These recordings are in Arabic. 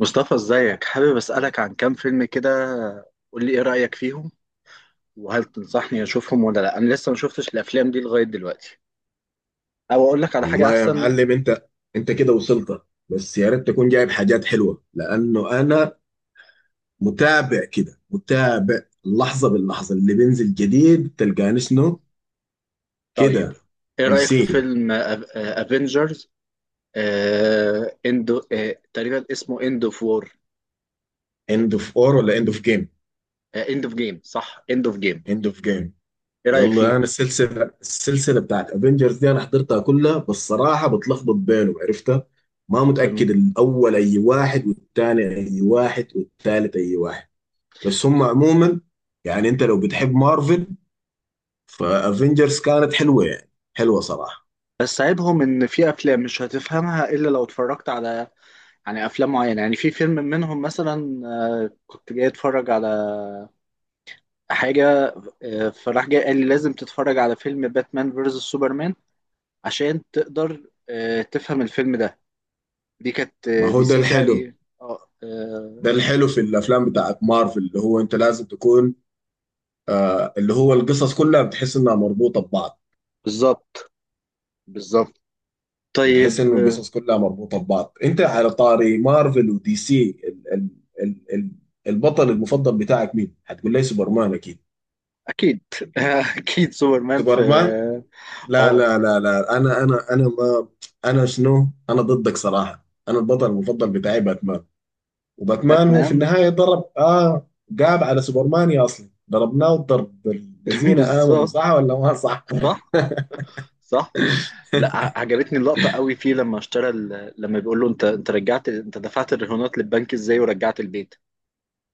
مصطفى ازيك، حابب اسالك عن كام فيلم كده. قول لي ايه رايك فيهم، وهل تنصحني اشوفهم ولا لا؟ انا لسه ما شفتش الافلام دي لغايه دلوقتي، او اقول لك على حاجه والله يا احسن؟ معلم انت كده وصلت. بس يا ريت تكون جايب حاجات حلوه، لانه انا متابع كده، متابع لحظه باللحظه، اللي بينزل جديد تلقاني شنو طيب كده. ايه اون رايك في سين، فيلم افنجرز اندو تقريبا اسمه اند اوف وور. اند اوف اور ولا اند اوف جيم؟ اند اوف جيم، صح، اند اوف جيم. اند اوف جيم. ايه رايك يلا انا فيه؟ السلسله، بتاعت افنجرز دي انا حضرتها كلها، بس صراحه بتلخبط بينهم، عرفتها؟ ما تمام. متاكد الاول اي واحد والثاني اي واحد والثالث اي واحد. بس هم عموما يعني انت لو بتحب مارفل، فافنجرز كانت حلوه، يعني حلوه صراحه. بس عيبهم ان في افلام مش هتفهمها الا لو اتفرجت على، يعني افلام معينه. يعني في فيلم منهم مثلا، كنت جاي اتفرج على حاجه، فراح جاي قال لي لازم تتفرج على فيلم باتمان فيرسس سوبرمان عشان تقدر تفهم الفيلم ده. دي كانت ما هو دي ده سي الحلو. تقريبا. اه ده الحلو في الافلام بتاعت مارفل، اللي هو انت لازم تكون اللي هو القصص كلها بتحس انها مربوطه ببعض. بالظبط. بالظبط. بتحس طيب انه القصص كلها مربوطه ببعض. انت على طاري مارفل ودي سي، ال البطل المفضل بتاعك مين؟ هتقول لي سوبرمان اكيد. اكيد. اكيد سوبرمان في. سوبرمان؟ لا اه لا لا لا. آه، انا انا انا ما انا شنو؟ انا ضدك صراحه، انا البطل المفضل بتاعي باتمان. وباتمان هو في باتمان. النهاية ضرب قاب على سوبرمان، يا أصلا ضربناه الضرب الذين آمنوا، بالظبط. صح ولا ما صح؟ صح. صح. لا، عجبتني اللقطة قوي فيه لما اشترى لما بيقول له انت انت رجعت، انت دفعت الرهونات للبنك ازاي ورجعت البيت؟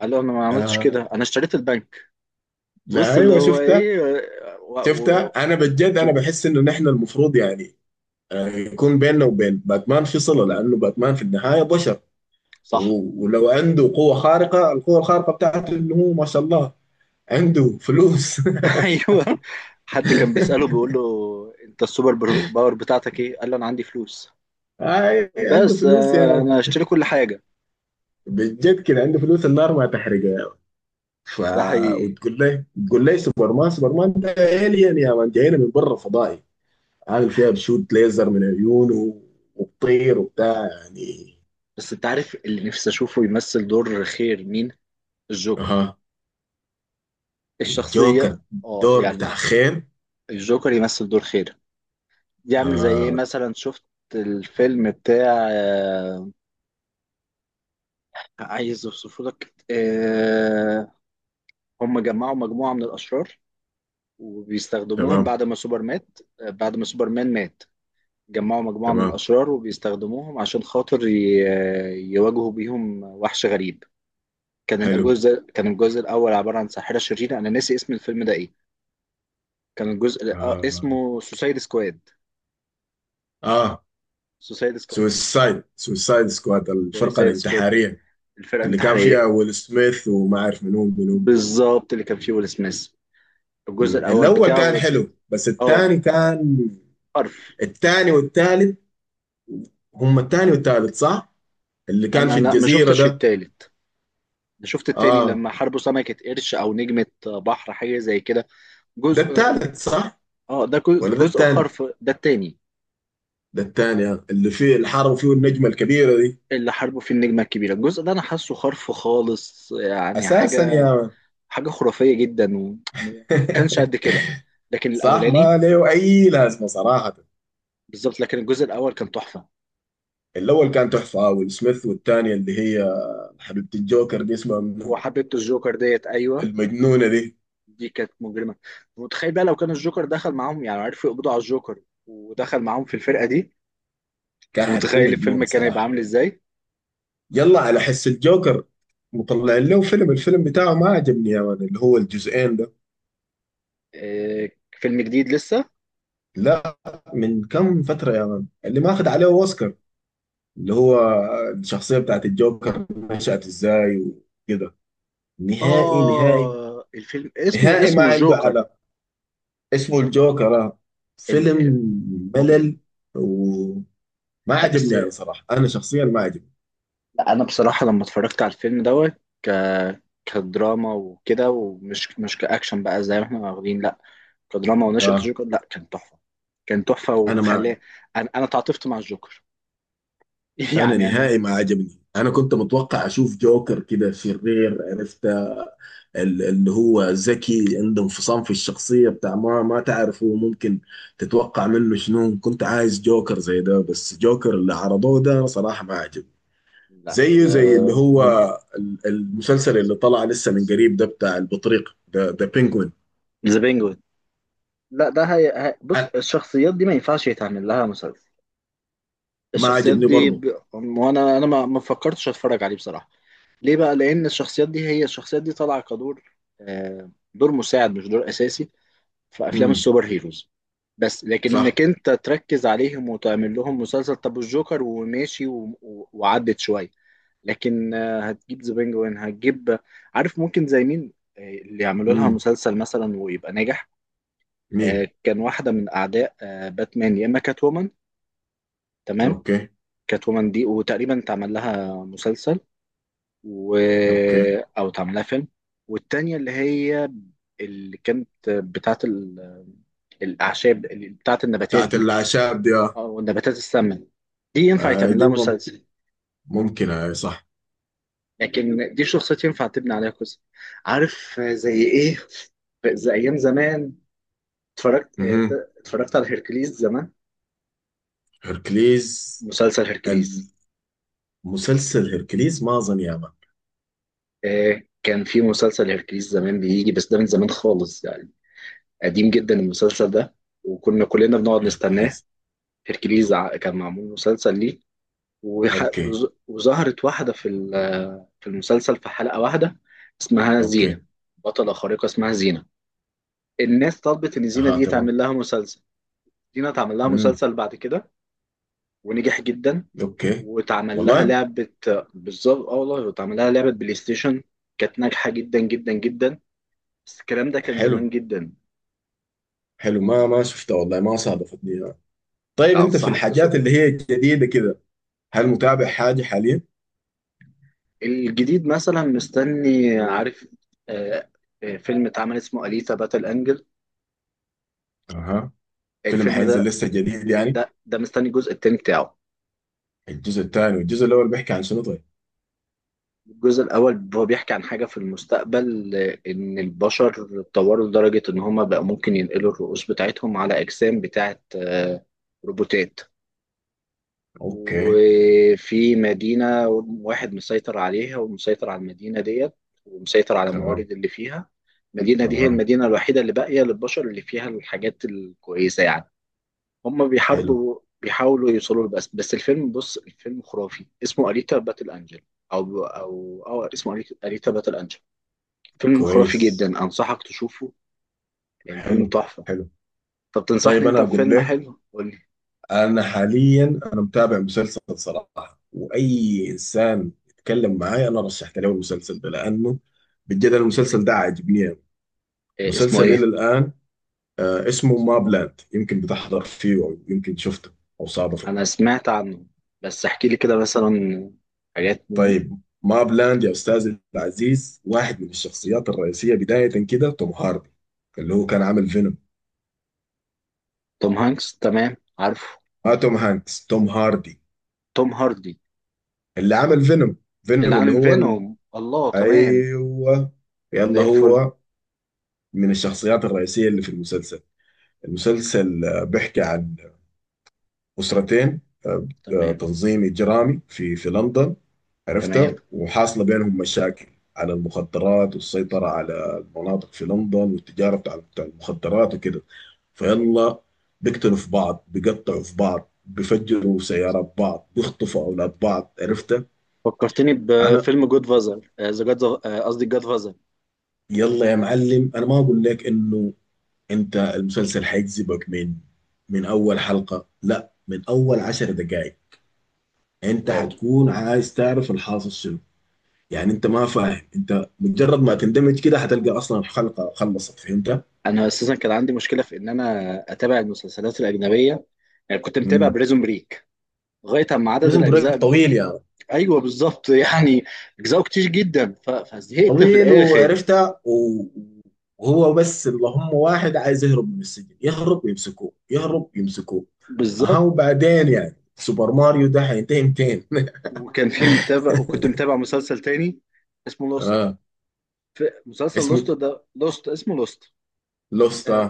قال له: انا ما عملتش كده، آه انا اشتريت البنك. لا بص اللي أيوه هو شفتها. ايه، و... و... شفتها أنا بجد. أنا شوف. بحس إنه نحن المفروض يعني يكون بيننا وبين باتمان في صلة، لأنه باتمان في النهاية بشر. صح. و- ولو عنده قوة خارقة، القوة الخارقة بتاعته إنه هو ما شاء الله عنده فلوس. ايوه. حد كان بيسأله، بيقول له: انت السوبر باور بتاعتك ايه؟ قال له: انا عندي فلوس. آه عنده بس فلوس يا يعني. انا هشتري كل حاجة. بجد كده عنده فلوس، النار ما تحرقه. ف ده حقيقي. وتقول لي سوبر مان ده الين يا مان، جاينا من برا فضائي، عامل فيها بشوت ليزر من عيونه، وبطير وبتاع يعني. بس انت عارف اللي نفسي اشوفه يمثل دور خير مين؟ الجوكر، اها، الشخصية. الجوكر. اه دور يعني بتاع خير؟ الجوكر يمثل دور خير، يعمل زي ايه آه. مثلا. شفت الفيلم بتاع عايز اوصفه لك هم جمعوا مجموعة من الأشرار وبيستخدموهم تمام، بعد ما سوبر مات بعد ما سوبرمان مات. جمعوا مجموعة من تمام. الأشرار وبيستخدموهم عشان خاطر يواجهوا بيهم وحش غريب. حلو. كان الجزء الأول عبارة عن ساحرة شريرة. أنا ناسي اسم الفيلم ده إيه. كان الجزء الأ- اه, اسمه سوسايد سكواد. آه. سوسايد سكواد، سويسايد، سكواد، الفرقة سوسايد سكواد، الانتحارية. الفرقة اللي كان فيها الانتحارية. ويل سميث، وما عارف منو منو منو. بالظبط اللي كان فيه ويل سميث، الجزء مم. الأول الأول بتاعه كان حلو، بس اه الثاني كان حرف. الثاني والثالث. هم الثاني والثالث صح؟ اللي كان أنا في لا، ما الجزيرة شفتش ده. التالت. أنا شفت التاني اه، لما حاربوا سمكة قرش أو نجمة بحر، حاجة زي كده. ده جزء، التالت صح اه ده جزء، ولا ده جزء التاني؟ خرف ده التاني. ده التاني آه. اللي فيه اللي حاربوا فيه النجمة الكبيرة دي. اللي حاربه في النجمة الكبيرة، الجزء ده انا حاسه خرف خالص، يعني اساسا يا حاجة مان. حاجة خرافية جدا، وما كانش قد كده. لكن صح، ما الاولاني له اي لازمة صراحة. بالظبط، لكن الجزء الاول كان تحفة. الاول كان تحفة آه، ويل سميث، والتانية اللي هي حبيبة الجوكر دي اسمها منو، وحبيبة الجوكر ديت ايوه، المجنونة دي. دي كانت مجرمة. متخيل بقى لو كان الجوكر دخل معاهم، يعني عرفوا يقبضوا على الجوكر ودخل معاهم في الفرقة دي؟ كان حتكون متخيل الفيلم مجنونة كان هيبقى صراحة. عامل ازاي؟ يلا على حس الجوكر. مطلع له فيلم، الفيلم بتاعه ما عجبني يا مان، اللي هو الجزئين ده. فيلم جديد لسه. لا، من كم فترة يا مان، اللي ماخذ عليه اوسكار، اللي هو الشخصية بتاعت الجوكر نشأت ازاي وكده. نهائي نهائي اه الفيلم اسمه، نهائي، ما اسمه عنده الجوكر. علم. اسمه الجوكر آه. فيلم مجرم. ملل، وما لا بس عجبني انا لا، صراحة، انا شخصيا ما عجبني. انا بصراحه لما اتفرجت على الفيلم دوت ك كدراما وكده، ومش مش كاكشن بقى زي ما احنا واخدين، لا، كدراما ونشأة اه، الجوكر، لا، كان تحفه. كان تحفه انا ما عجب. وخلاه انا انا تعاطفت مع الجوكر. انا يعني نهائي انا. ما عجبني. انا كنت متوقع اشوف جوكر كده شرير، عرفت؟ اللي هو ذكي، عنده انفصام في الشخصية، بتاع ما تعرفه ممكن تتوقع منه شنو. كنت عايز جوكر زي ده، بس جوكر اللي عرضوه ده أنا صراحة ما عجبني. لا، زيه زي اللي هو المسلسل اللي طلع لسه من قريب ده، بتاع البطريق، ذا بينجوين. ذا بينجوين. لا ده بص، الشخصيات دي ما ينفعش يتعمل لها مسلسل. ما الشخصيات عجبني دي برضه. وانا ما ما فكرتش اتفرج عليه بصراحه. ليه بقى؟ لان الشخصيات دي، هي الشخصيات دي طالعه كدور، دور مساعد مش دور اساسي في افلام امم السوبر هيروز. بس لكن انك صح. انت تركز عليهم وتعمل لهم مسلسل، طب الجوكر وماشي وعدت شويه. لكن هتجيب ذا بينجوين، هتجيب. عارف ممكن زي مين، اللي يعملوا لها امم مسلسل مثلا ويبقى ناجح؟ مين؟ كان واحده من اعداء باتمان، يا اما كات وومن. تمام. اوكي. كات وومن دي وتقريبا اتعمل لها مسلسل، و... اوكي. او اتعمل لها فيلم. والتانيه اللي هي، اللي كانت بتاعت الاعشاب، بتاعت النباتات بتاعت دي. الاعشاب دي آه. اه والنباتات السامة، دي ينفع آه، يتعمل دي لها مسلسل. ممكن آه صح. لكن دي شخصيات ينفع تبني عليها قصة. عارف زي ايه؟ زي ايام زمان اتفرجت امم اتفرجت على هيركليز زمان، هركليز. مسلسل هيركليز. مسلسل هيركليز ما اظن يا مان. كان في مسلسل هيركليز زمان بيجي، بس ده من زمان خالص يعني، قديم جدا المسلسل ده، وكنا كلنا بنقعد نستناه. هيركليز. هيركليز كان معمول مسلسل ليه. اوكي. وظهرت واحدة في في المسلسل في حلقة واحدة، اسمها زينة. اوكي. بطلة خارقة اسمها زينة. الناس طلبت ان زينة اها دي تمام. تعمل لها مسلسل. زينة اتعمل لها امم مسلسل بعد كده، ونجح جدا. اوكي. واتعمل لها والله. لعبة. بالظبط، اه والله اتعمل لها لعبة بلاي ستيشن. كانت ناجحة جدا جدا جدا. بس الكلام ده كان حلو، زمان جدا. حلو. ما شفتها والله، ما صادفتني يعني. طيب لا انت في انصحك الحاجات اللي تشوفها. هي جديده كده، هل متابع حاجه حاليا؟ الجديد مثلا مستني، عارف آه،، فيلم اتعمل اسمه أليسا باتل أنجل. اها. فيلم الفيلم حينزل ده، لسه جديد يعني؟ ده ده مستني الجزء التاني بتاعه. الجزء الثاني، والجزء الاول بيحكي عن شنو طيب؟ الجزء الأول هو بيحكي عن حاجة في المستقبل، إن البشر اتطوروا لدرجة إن هما بقى ممكن ينقلوا الرؤوس بتاعتهم على أجسام بتاعت روبوتات. اوكي. وفي مدينة، واحد مسيطر عليها ومسيطر على المدينة ديت، ومسيطر على تمام. الموارد اللي فيها. المدينة دي هي تمام. المدينة الوحيدة اللي باقية للبشر، اللي فيها الحاجات الكويسة يعني. هم حلو. بيحاربوا، بيحاولوا يوصلوا له. بس بس الفيلم، بص الفيلم خرافي، اسمه أليتا باتل أنجل. أو اسمه أليتا، أليتا باتل أنجل. فيلم خرافي كويس. جدا أنصحك تشوفه. الفيلم حلو. تحفة. حلو. طب طيب تنصحني انا أنت اقول بفيلم لك. حلو، قول لي. انا حاليا انا متابع مسلسل صراحه، واي انسان يتكلم معاي انا رشحت له المسلسل ده، لانه بجد المسلسل ده عاجبني أوي. إيه اسمه، مسلسل الى إيه؟ الان آه اسمه ما بلاند، يمكن بتحضر فيه او يمكن شفته او صادفه. أنا سمعت عنه بس احكي لي كده مثلا حاجات منه. طيب ما بلاند يا استاذي العزيز، واحد من الشخصيات الرئيسيه بدايه كده توم هاردي، اللي هو كان عامل فينوم. توم هانكس، تمام عارفه. ما توم هانكس، توم هاردي، توم هاردي اللي عمل فينوم. اللي فينوم اللي عامل هو ال... فينوم، الله، تمام، ايوه. زي يلا الفل. هو من الشخصيات الرئيسية اللي في المسلسل. المسلسل آه، بيحكي عن أسرتين، آه، آه، تمام. تنظيم إجرامي في لندن، عرفتها. تمام. وحاصلة بينهم مشاكل على المخدرات، والسيطرة على المناطق في لندن، والتجارة بتاع المخدرات وكده. فيلا بيقتلوا في بعض، بيقطعوا في بعض، بيفجروا سيارات بعض، بيخطفوا أولاد بعض، عرفتها. فكرتني أنا بفيلم جود فازر ذا جاد، قصدي جاد. يلا يا معلم، أنا ما أقول لك إنه انت المسلسل هيجذبك من من اول حلقة، لا من اول 10 دقائق. انت واو. هتكون عايز تعرف الحاصل شنو. يعني انت ما فاهم، انت مجرد ما تندمج كده هتلقى اصلا الحلقة خلصت، فهمت؟ انا اساسا كان عندي مشكله في ان انا اتابع المسلسلات الاجنبيه. يعني كنت متابع امم بريزون بريك لغايه اما عدد بريزن بريك الاجزاء طويل يا يعني. ايوه بالظبط يعني اجزاء كتير جدا، فزهقت في طويل الاخر. وعرفتها و... وهو بس اللهم واحد عايز يهرب من السجن، يهرب يمسكوه، يهرب يمسكوه. اها بالظبط. وبعدين يعني سوبر ماريو ده هينتهي 200. وكان في متابع، وكنت متابع مسلسل تاني اسمه لوست. اه، في مسلسل لوست اسمه ده، لوست اسمه لوست. لوستا. آه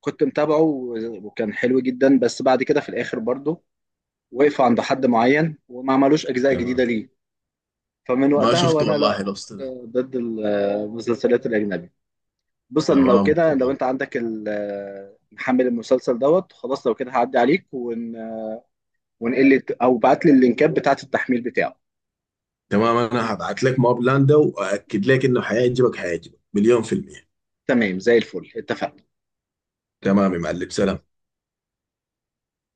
كنت متابعه وكان حلو جدا، بس بعد كده في الاخر برضه وقف عند حد معين، وما عملوش اجزاء جديده تمام، ليه. فمن ما وقتها شفته وانا والله لا، لوست ده. ضد المسلسلات الاجنبي. بص انا لو تمام. كده، لو تمام. انت عندك محمل المسلسل دوت، خلاص، لو كده هعدي عليك ونقل او بعت لي اللينكات بتاعت التحميل بتاعه. تمام انا هبعت لك ماب لاند ده واكد لك انه حيعجبك، حيعجبك مليون%. تمام زي الفل اتفقنا. تمام يا معلم، سلام.